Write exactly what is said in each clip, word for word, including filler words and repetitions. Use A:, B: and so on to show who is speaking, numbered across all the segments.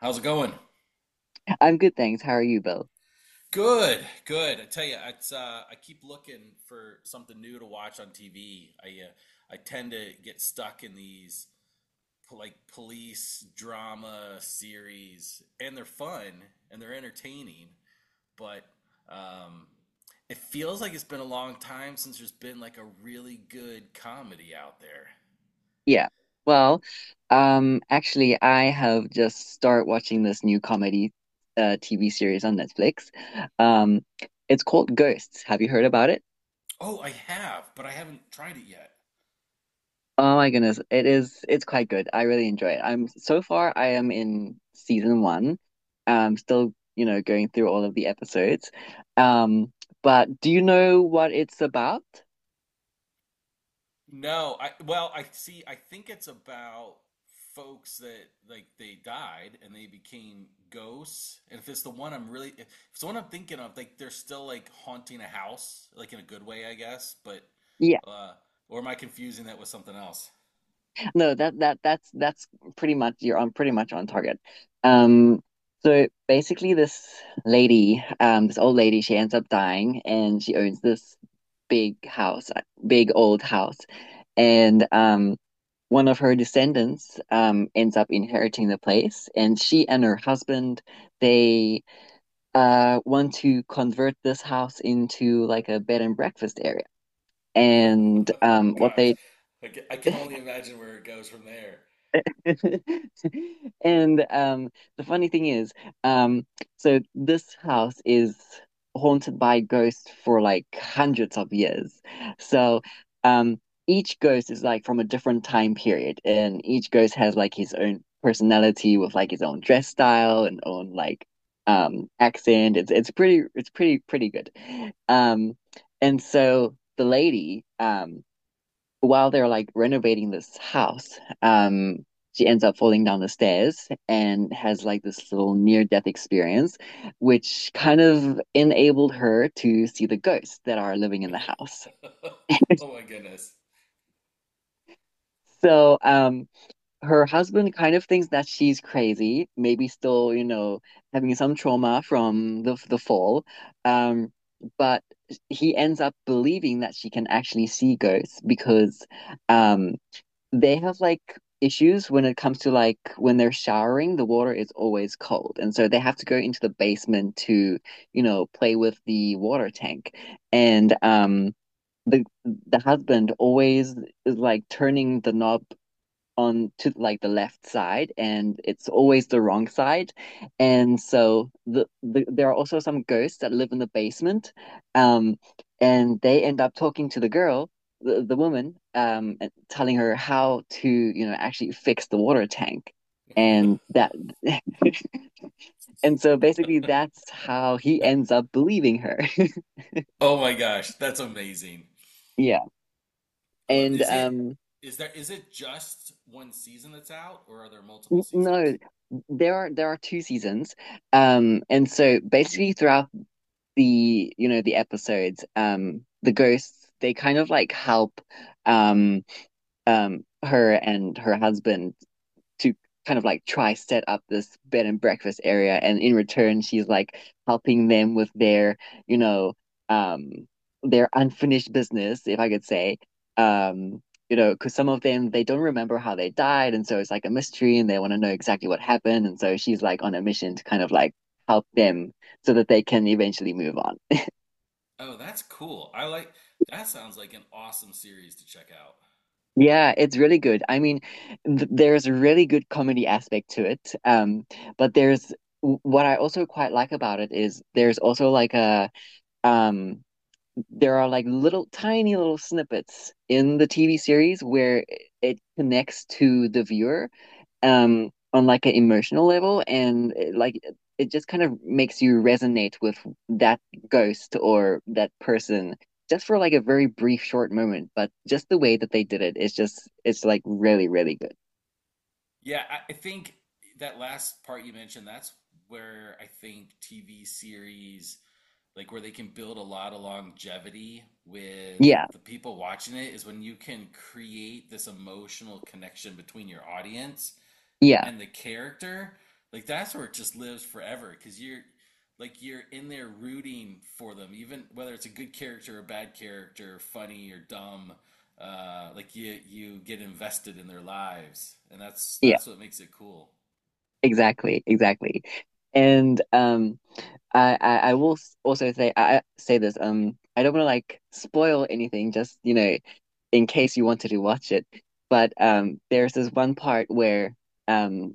A: How's it going?
B: I'm good, thanks. How are you, Bill?
A: Good, good. I tell you, it's uh, I keep looking for something new to watch on T V. I uh, I tend to get stuck in these po- like police drama series, and they're fun and they're entertaining, but um, it feels like it's been a long time since there's been like a really good comedy out there.
B: Yeah. Well, um, actually, I have just started watching this new comedy uh T V series on Netflix. Um, it's called Ghosts. Have you heard about it?
A: Oh, I have, but I haven't tried it yet.
B: Oh my goodness, it is it's quite good. I really enjoy it. I'm So far I am in season one. I'm still, you know, going through all of the episodes. Um, but do you know what it's about?
A: No, I well, I see. I think it's about folks that like they died and they became ghosts. And if it's the one I'm really, if it's the one I'm thinking of, like they're still like haunting a house, like in a good way, I guess. But
B: Yeah,
A: uh, or am I confusing that with something else?
B: no, that that that's that's pretty much you're on pretty much on target. Um, so basically, this lady, um, this old lady, she ends up dying, and she owns this big house, uh, big old house, and um, one of her descendants um ends up inheriting the place, and she and her husband they uh want to convert this house into like a bed and breakfast area. And
A: Oh
B: um, what
A: gosh,
B: they
A: I ca- I can only imagine where it goes from there.
B: And um, the funny thing is, um, so this house is haunted by ghosts for like hundreds of years. So um, each ghost is like from a different time period, and each ghost has like his own personality with like his own dress style and own like um, accent. It's it's pretty it's pretty pretty good. Um, and so the lady, um, while they're like renovating this house, um, she ends up falling down the stairs and has like this little near-death experience, which kind of enabled her to see the ghosts that are living in the house.
A: Oh my goodness.
B: So, um, her husband kind of thinks that she's crazy, maybe still, you know, having some trauma from the the fall. Um, but he ends up believing that she can actually see ghosts because, um, they have like issues when it comes to like when they're showering, the water is always cold. And so they have to go into the basement to, you know, play with the water tank. And um the the husband always is like turning the knob on to like the left side, and it's always the wrong side. And so the, the there are also some ghosts that live in the basement, um and they end up talking to the girl the, the woman, um and telling her how to you know actually fix the water tank. And that and so basically that's how he ends up believing her.
A: Oh my gosh, that's amazing.
B: Yeah.
A: I lo-
B: and
A: Is it
B: um
A: is there is it just one season that's out or are there multiple seasons?
B: no, there are there are two seasons, um and so basically throughout the you know the episodes, um the ghosts they kind of like help, um um her and her husband, to kind of like try set up this bed and breakfast area, and in return she's like helping them with their you know um their unfinished business, if I could say. Um you know because some of them they don't remember how they died, and so it's like a mystery and they want to know exactly what happened, and so she's like on a mission to kind of like help them so that they can eventually move on.
A: Oh, that's cool. I like that sounds like an awesome series to check out.
B: Yeah, it's really good. I mean, th there's a really good comedy aspect to it. Um, but there's w- what I also quite like about it is there's also like a um there are like little tiny little snippets in the T V series where it connects to the viewer um on like an emotional level, and it, like it it just kind of makes you resonate with that ghost or that person, just for like a very brief short moment. But just the way that they did it is just it's like really really good.
A: Yeah, I, I think that last part you mentioned, that's where I think T V series like where they can build a lot of longevity with
B: Yeah,
A: the people watching it is when you can create this emotional connection between your audience
B: yeah,
A: and the character, like that's where it just lives forever because you're like you're in there rooting for them, even whether it's a good character or a bad character, funny or dumb. Uh, like you you get invested in their lives, and that's
B: yeah,
A: that's what makes it cool.
B: exactly, exactly. And um I I, I will s- also say, I I say this, um I don't want to like spoil anything, just you know in case you wanted to watch it. But um there's this one part where, um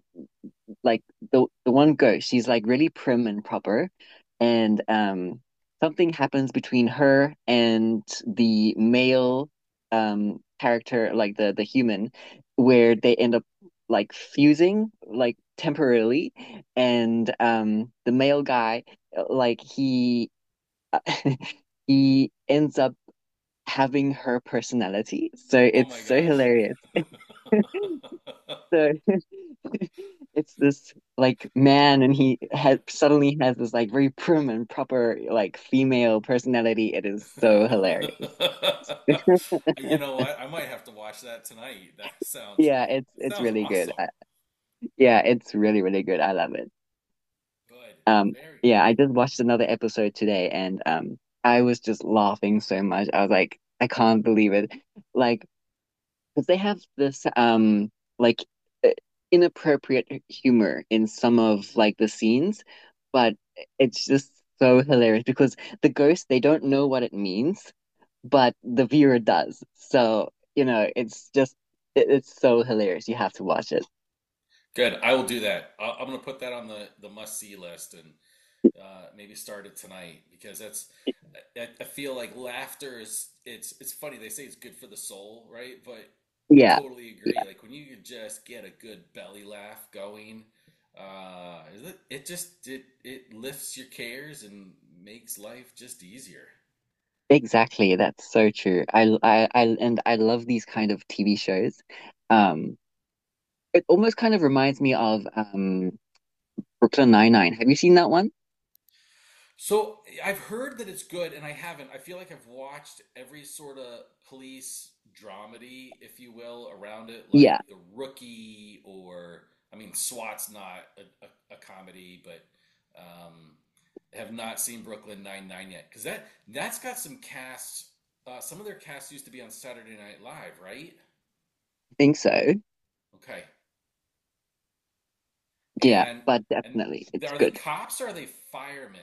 B: like the the one ghost, she's like really prim and proper, and um something happens between her and the male um character, like the the human, where they end up like fusing like temporarily, and um the male guy like he he ends up having her personality. So
A: Oh my
B: it's so
A: gosh.
B: hilarious. The It's this like man and he has suddenly has this like very prim and proper like female personality. It is so hilarious.
A: You know what? I might have to watch that tonight. That sounds
B: Yeah, it's
A: it
B: it's
A: sounds
B: really good.
A: awesome.
B: I, yeah, it's really really good. I love it.
A: Good.
B: Um,
A: Very
B: yeah, I
A: cool.
B: just watched another episode today, and um I was just laughing so much. I was like, I can't believe it. Like, because they have this um like uh, inappropriate humor in some of like the scenes, but it's just so hilarious because the ghost they don't know what it means, but the viewer does. So, you know, it's just it, it's so hilarious. You have to watch it.
A: Good. I will do that. I, I'm gonna put that on the the must see list and uh, maybe start it tonight because that's I, I feel like laughter is it's it's funny they say it's good for the soul, right? But I
B: Yeah.
A: totally
B: Yeah,
A: agree, like when you can just get a good belly laugh going, uh it, it just it it lifts your cares and makes life just easier.
B: exactly. That's so true. I, I, I, and I love these kind of T V shows. Um, it almost kind of reminds me of um Brooklyn Nine-Nine. Have you seen that one?
A: So I've heard that it's good, and I haven't. I feel like I've watched every sort of police dramedy, if you will, around it, like
B: Yeah,
A: The Rookie, or I mean, SWAT's not a, a, a comedy, but um, have not seen Brooklyn Nine Nine yet because that that's got some casts. Uh, some of their casts used to be on Saturday Night Live, right?
B: I think so.
A: Okay,
B: Yeah,
A: and
B: but
A: and
B: definitely it's
A: are they
B: good.
A: cops or are they firemen?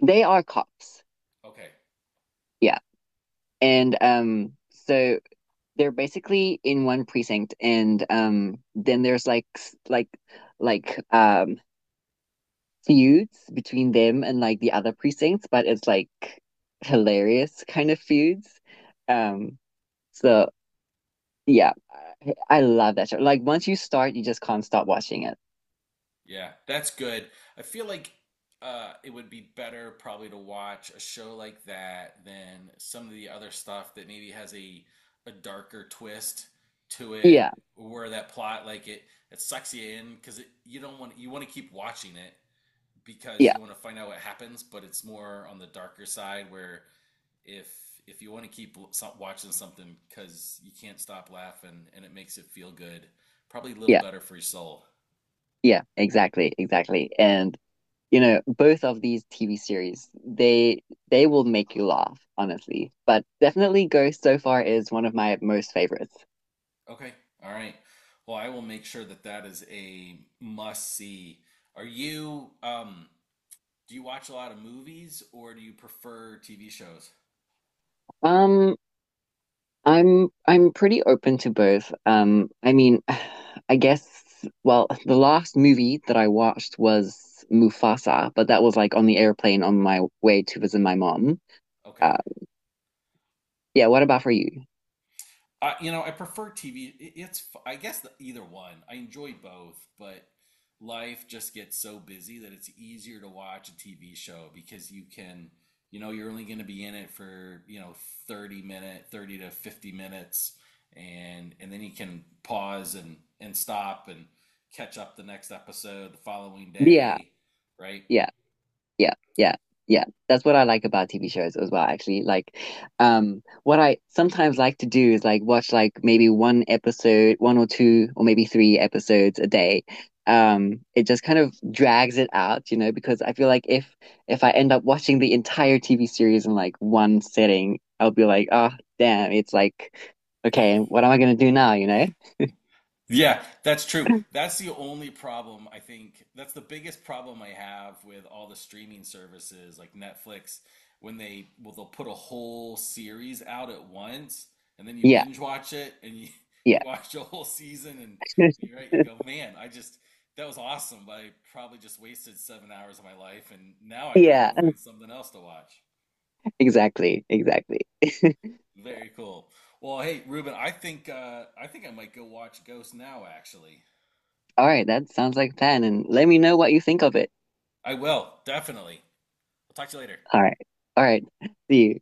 B: They are cops.
A: Okay.
B: Yeah. And um so they're basically in one precinct, and um then there's like s- like like um feuds between them and like the other precincts, but it's like hilarious kind of feuds. Um so yeah, I, I love that show. Like, once you start, you just can't stop watching it.
A: Yeah, that's good. I feel like uh, it would be better probably to watch a show like that than some of the other stuff that maybe has a a darker twist to it,
B: Yeah.
A: where that plot like it it sucks you in because it, you don't want you want to keep watching it because
B: Yeah.
A: you want to find out what happens, but it's more on the darker side where if if you want to keep l- so- watching something because you can't stop laughing and it makes it feel good, probably a little
B: Yeah.
A: better for your soul.
B: Yeah, exactly, exactly. And you know, both of these T V series, they they will make you laugh, honestly. But definitely Ghost so far is one of my most favorites.
A: Okay. All right. Well, I will make sure that that is a must see. Are you, um, do you watch a lot of movies or do you prefer T V shows?
B: Um, I'm I'm pretty open to both. Um, I mean, I guess, well, the last movie that I watched was Mufasa, but that was like on the airplane on my way to visit my mom.
A: Okay.
B: Uh, yeah, what about for you?
A: Uh, you know, I prefer T V. It- It's, f- I guess, the, either one. I enjoy both, but life just gets so busy that it's easier to watch a T V show because you can, you know, you're only going to be in it for, you know, thirty minute, thirty to fifty minutes, and and then you can pause and and stop and catch up the next episode the following
B: Yeah,
A: day, right?
B: yeah. Yeah, yeah, yeah. That's what I like about T V shows as well, actually. Like, um, what I sometimes like to do is like watch like maybe one episode, one or two, or maybe three episodes a day. Um, it just kind of drags it out, you know, because I feel like if if I end up watching the entire T V series in like one sitting, I'll be like, oh, damn, it's like, okay, what am I gonna do now, you know?
A: Yeah, that's true. That's the only problem I think. That's the biggest problem I have with all the streaming services like Netflix when they well they'll put a whole series out at once and then you
B: Yeah,
A: binge watch it and you
B: yeah.
A: you watch the whole season and you're right, you go, "Man, I just that was awesome, but I probably just wasted seven hours of my life and now I got to go
B: Yeah,
A: find something else to watch."
B: exactly, exactly.
A: Very cool. Well, hey, Ruben, I think uh I think I might go watch Ghost now actually.
B: All right, that sounds like a plan, and let me know what you think of it.
A: I will, definitely. We'll talk to you later.
B: All right. All right. See you.